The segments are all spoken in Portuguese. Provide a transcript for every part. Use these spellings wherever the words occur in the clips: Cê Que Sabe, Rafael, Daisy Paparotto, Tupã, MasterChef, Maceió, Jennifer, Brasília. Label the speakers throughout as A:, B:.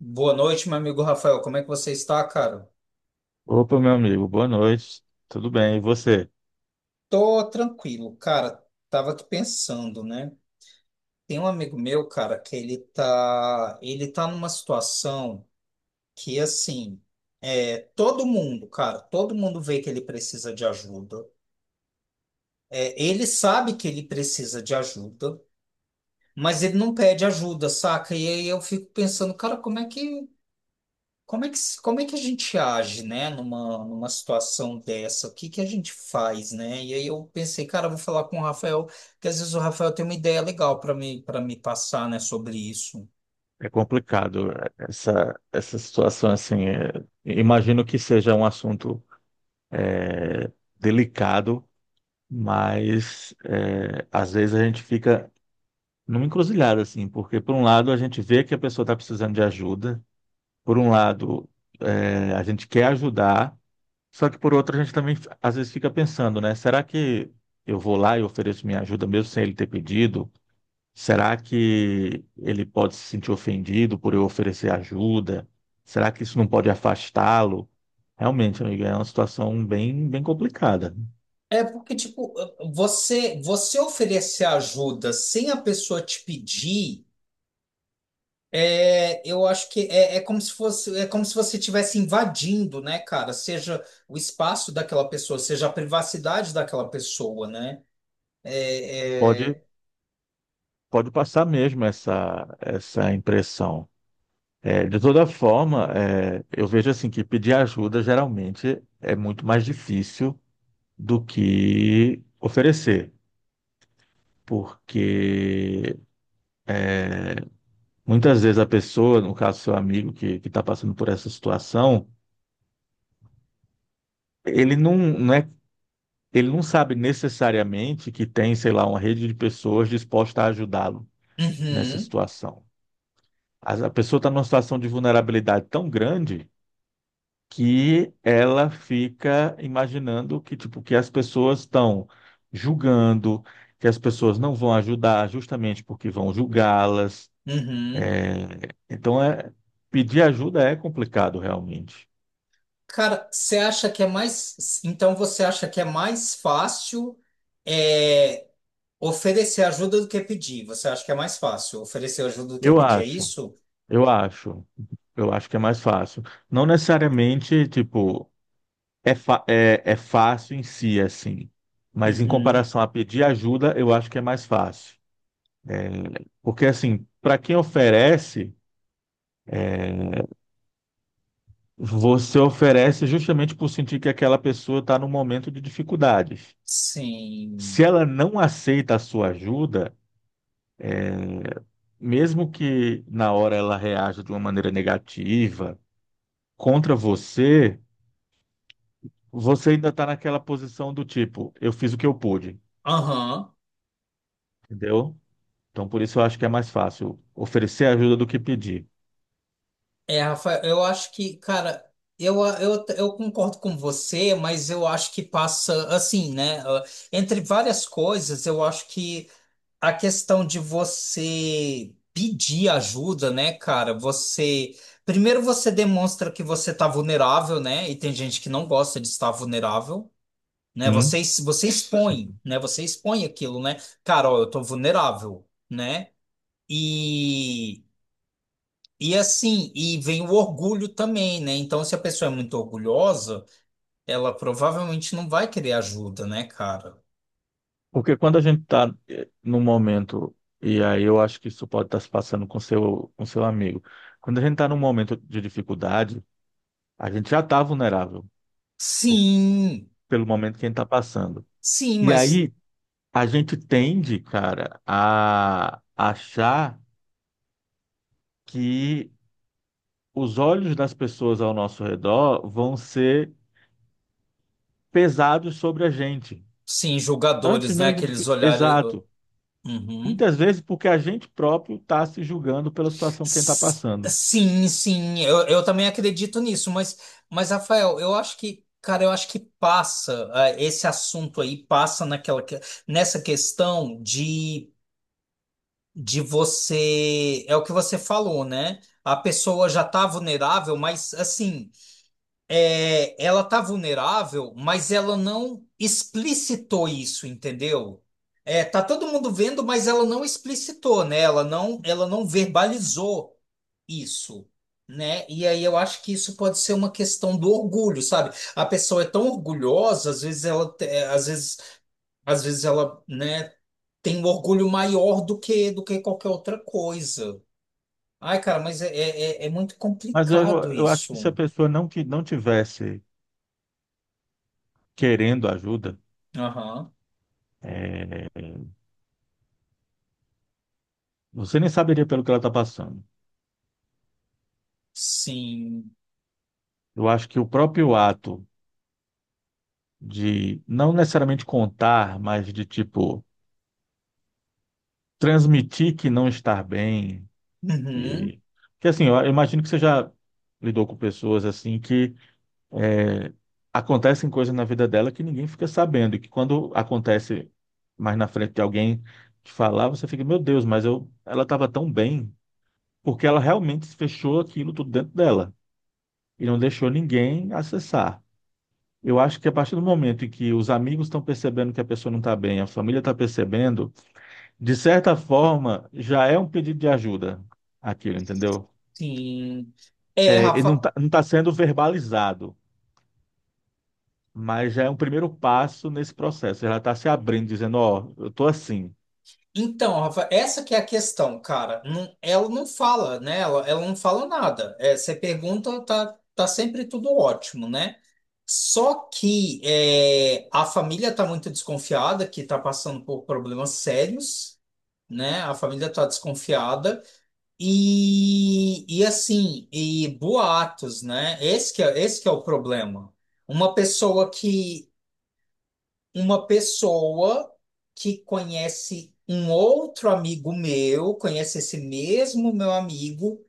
A: Boa noite, meu amigo Rafael. Como é que você está, cara?
B: Opa, meu amigo, boa noite. Tudo bem? E você?
A: Tô tranquilo, cara. Tava aqui pensando, né? Tem um amigo meu, cara, que ele tá numa situação que assim, todo mundo, cara, todo mundo vê que ele precisa de ajuda. É, ele sabe que ele precisa de ajuda, mas ele não pede ajuda, saca? E aí eu fico pensando, cara, Como é que, como é que a gente age, né, numa situação dessa? O que que a gente faz, né? E aí eu pensei, cara, eu vou falar com o Rafael, que às vezes o Rafael tem uma ideia legal para para me passar, né, sobre isso.
B: É complicado essa situação assim. Imagino que seja um assunto delicado, mas às vezes a gente fica numa encruzilhada assim, porque por um lado a gente vê que a pessoa está precisando de ajuda, por um lado a gente quer ajudar, só que por outro a gente também às vezes fica pensando, né? Será que eu vou lá e ofereço minha ajuda mesmo sem ele ter pedido? Será que ele pode se sentir ofendido por eu oferecer ajuda? Será que isso não pode afastá-lo? Realmente, amigo, é uma situação bem, bem complicada.
A: É porque, tipo, você oferecer ajuda sem a pessoa te pedir, eu acho que é como se fosse, é como se você estivesse invadindo, né, cara? Seja o espaço daquela pessoa, seja a privacidade daquela pessoa, né? É,
B: Pode,
A: é,
B: pode passar mesmo essa, essa impressão. É, de toda forma, é, eu vejo assim que pedir ajuda geralmente é muito mais difícil do que oferecer, porque muitas vezes a pessoa, no caso seu amigo que está passando por essa situação, ele não é ele não sabe necessariamente que tem, sei lá, uma rede de pessoas dispostas a ajudá-lo nessa
A: uhum.
B: situação. A pessoa está numa situação de vulnerabilidade tão grande que ela fica imaginando que, tipo, que as pessoas estão julgando, que as pessoas não vão ajudar justamente porque vão julgá-las.
A: Uhum.
B: É, então, é... pedir ajuda é complicado realmente.
A: Cara, você acha que é mais. Então você acha que é mais fácil é, oferecer ajuda do que pedir? Você acha que é mais fácil oferecer ajuda do que
B: Eu
A: pedir? É
B: acho,
A: isso?
B: eu acho, eu acho que é mais fácil. Não necessariamente, tipo, é, é, é fácil em si, assim, mas em
A: Uhum.
B: comparação a pedir ajuda, eu acho que é mais fácil. Porque, assim, para quem oferece, você oferece justamente por sentir que aquela pessoa está num momento de dificuldades.
A: Sim.
B: Se ela não aceita a sua ajuda, mesmo que na hora ela reaja de uma maneira negativa contra você, você ainda está naquela posição do tipo, eu fiz o que eu pude,
A: Aham.
B: entendeu? Então, por isso eu acho que é mais fácil oferecer ajuda do que pedir.
A: É, Rafael, eu acho que, cara, eu concordo com você, mas eu acho que passa assim, né? Ah, entre várias coisas, eu acho que. A questão de você pedir ajuda, né, cara? Você. Primeiro você demonstra que você tá vulnerável, né? E tem gente que não gosta de estar vulnerável, né? Você,
B: Sim.
A: você
B: Sim.
A: expõe, né? Você expõe aquilo, né? Cara, ó, eu tô vulnerável, né? E. E assim, e vem o orgulho também, né? Então, se a pessoa é muito orgulhosa, ela provavelmente não vai querer ajuda, né, cara?
B: Porque quando a gente está num momento, e aí eu acho que isso pode estar se passando com seu amigo, quando a gente está num momento de dificuldade, a gente já está vulnerável por-
A: Sim,
B: pelo momento que a gente está passando.
A: sim,
B: E
A: mas.
B: aí a gente tende, cara, a achar que os olhos das pessoas ao nosso redor vão ser pesados sobre a gente,
A: Sim,
B: antes
A: julgadores, né?
B: mesmo de...
A: Aqueles olhares.
B: Exato.
A: Uhum.
B: Muitas vezes porque a gente próprio está se julgando pela situação que a gente está
A: S-
B: passando.
A: Sim, sim, eu também acredito nisso, mas, Rafael, eu acho que, cara, eu acho que passa, ah, esse assunto aí passa naquela, nessa questão de você. É o que você falou, né? A pessoa já tá vulnerável, mas assim. É, ela tá vulnerável, mas ela não explicitou isso, entendeu? É, tá todo mundo vendo, mas ela não explicitou, né? Ela não verbalizou isso, né? E aí eu acho que isso pode ser uma questão do orgulho, sabe? A pessoa é tão orgulhosa, às vezes ela, às vezes ela, né, tem um orgulho maior do que qualquer outra coisa. Ai, cara, mas é muito
B: Mas eu,
A: complicado
B: eu acho
A: isso.
B: que se a pessoa não, não tivesse querendo ajuda,
A: Aham.
B: é, você nem saberia pelo que ela está passando.
A: Sim.
B: Eu acho que o próprio ato de não necessariamente contar, mas de tipo transmitir que não está bem,
A: Uhum,
B: que, que assim, eu imagino que você já lidou com pessoas assim que é, acontecem coisas na vida dela que ninguém fica sabendo, e que quando acontece mais na frente de alguém te falar, você fica, meu Deus, mas eu, ela estava tão bem. Porque ela realmente fechou aquilo tudo dentro dela e não deixou ninguém acessar. Eu acho que a partir do momento em que os amigos estão percebendo que a pessoa não está bem, a família está percebendo, de certa forma, já é um pedido de ajuda aquilo, entendeu?
A: sim. É,
B: É, ele
A: Rafa.
B: não está não tá sendo verbalizado, mas já é um primeiro passo nesse processo. Ela está se abrindo, dizendo, ó, eu estou assim.
A: Então, Rafa, essa que é a questão, cara. Ela não fala, né? Ela não fala nada. É, você pergunta, tá sempre tudo ótimo, né? Só que é, a família tá muito desconfiada, que tá passando por problemas sérios, né? A família tá desconfiada. E assim, e boatos, né? Esse que é o problema. Uma pessoa que uma pessoa que conhece um outro amigo meu, conhece esse mesmo meu amigo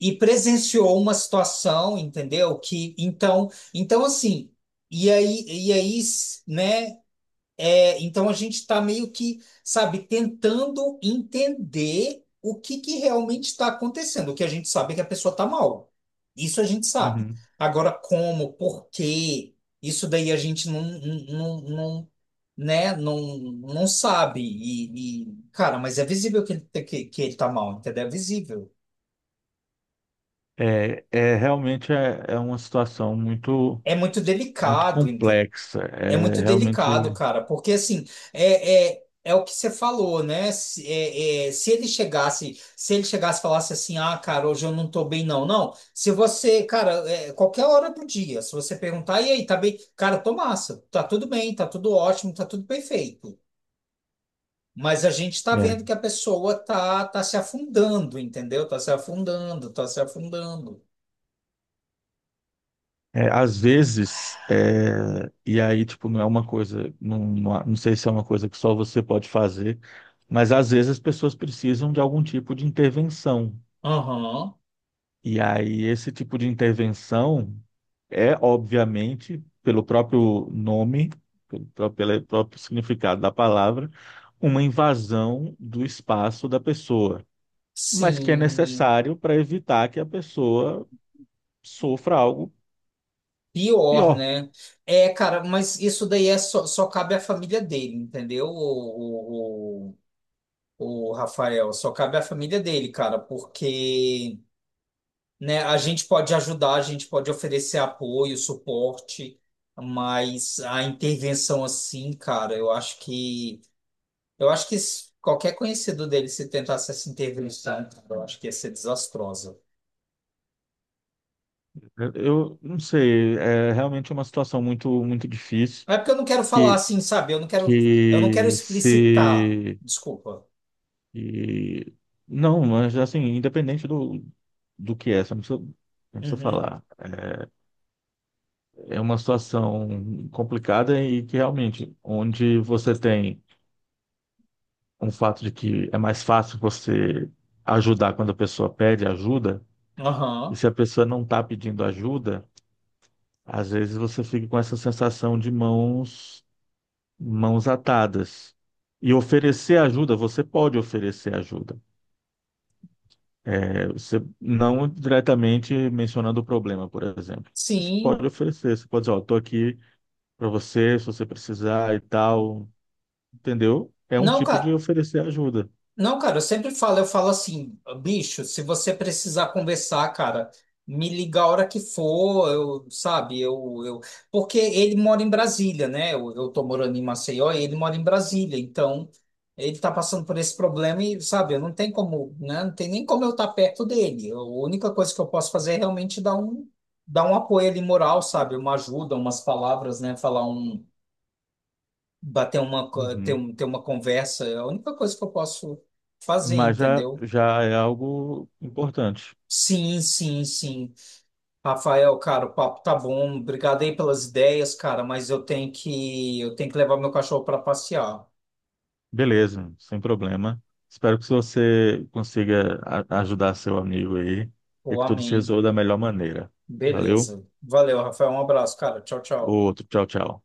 A: e presenciou uma situação, entendeu? Que então, então assim, e aí, né? É, então a gente está meio que, sabe, tentando entender o que que realmente está acontecendo. O que a gente sabe é que a pessoa está mal. Isso a gente sabe.
B: Uhum.
A: Agora, como, por quê? Isso daí a gente não, né, não, não sabe. E, cara, mas é visível que ele está mal, entendeu? É visível.
B: É, é, realmente é, é uma situação muito,
A: É muito
B: muito
A: delicado.
B: complexa.
A: É
B: É
A: muito
B: realmente...
A: delicado, cara, porque assim, é o que você falou, né? Se, é- é, se ele chegasse, se ele chegasse e falasse assim, ah, cara, hoje eu não tô bem, não, não. Se você, cara, é, qualquer hora do dia, se você perguntar, e aí, tá bem? Cara, tô massa, tá tudo bem, tá tudo ótimo, tá tudo perfeito. Mas a gente tá vendo
B: é.
A: que a pessoa tá se afundando, entendeu? Tá se afundando, tá se afundando.
B: É, às vezes, é, e aí, tipo, não é uma coisa, não, não, não sei se é uma coisa que só você pode fazer, mas às vezes as pessoas precisam de algum tipo de intervenção.
A: Aham,
B: E aí, esse tipo de intervenção é, obviamente, pelo próprio nome, pelo próprio significado da palavra, uma invasão do espaço da pessoa, mas que é
A: sim.
B: necessário para evitar que a pessoa sofra algo
A: Pior,
B: pior.
A: né? É, cara, mas isso daí é só, só cabe à família dele, entendeu? O Rafael, só cabe à família dele, cara, porque, né, a gente pode ajudar, a gente pode oferecer apoio, suporte, mas a intervenção assim, cara, eu acho que qualquer conhecido dele se tentasse essa intervenção, cara, eu acho que ia ser desastrosa.
B: Eu não sei, é realmente uma situação muito, muito difícil
A: É porque eu não quero falar
B: que,
A: assim, sabe? Eu não quero
B: que
A: explicitar,
B: se...
A: desculpa.
B: e- não, mas assim, independente do, do que é, você não precisa, não precisa
A: Uhum.
B: falar. É uma situação complicada e que realmente, onde você tem um fato de que é mais fácil você ajudar quando a pessoa pede ajuda, e
A: Aham,
B: se a pessoa não está pedindo ajuda, às vezes você fica com essa sensação de mãos atadas. E oferecer ajuda, você pode oferecer ajuda. É, você não diretamente mencionando o problema, por exemplo. Você pode
A: sim.
B: oferecer, você pode dizer, ó, tô aqui para você, se você precisar e tal, entendeu? É um
A: Não,
B: tipo de
A: cara,
B: oferecer ajuda.
A: não, cara, eu sempre falo, eu falo assim, bicho, se você precisar conversar, cara, me liga a hora que for, eu, porque ele mora em Brasília, né? Eu tô morando em Maceió e ele mora em Brasília, então ele tá passando por esse problema e, sabe, eu não tem como, né? Não tem nem como eu estar perto dele. A única coisa que eu posso fazer é realmente dar um apoio ali moral, sabe? Uma ajuda, umas palavras, né? Falar um bater uma, co- ter,
B: Uhum.
A: um- ter uma conversa, é a única coisa que eu posso fazer,
B: Mas já,
A: entendeu?
B: já é algo importante.
A: Sim, sim, sim. Rafael, cara, o papo tá bom. Obrigado aí pelas ideias, cara, mas eu tenho que levar meu cachorro para passear.
B: Beleza, sem problema. Espero que você consiga ajudar seu amigo aí e
A: Pô,
B: que tudo se
A: amém.
B: resolva da melhor maneira. Valeu?
A: Beleza. Valeu, Rafael. Um abraço, cara. Tchau, tchau.
B: Outro, tchau, tchau.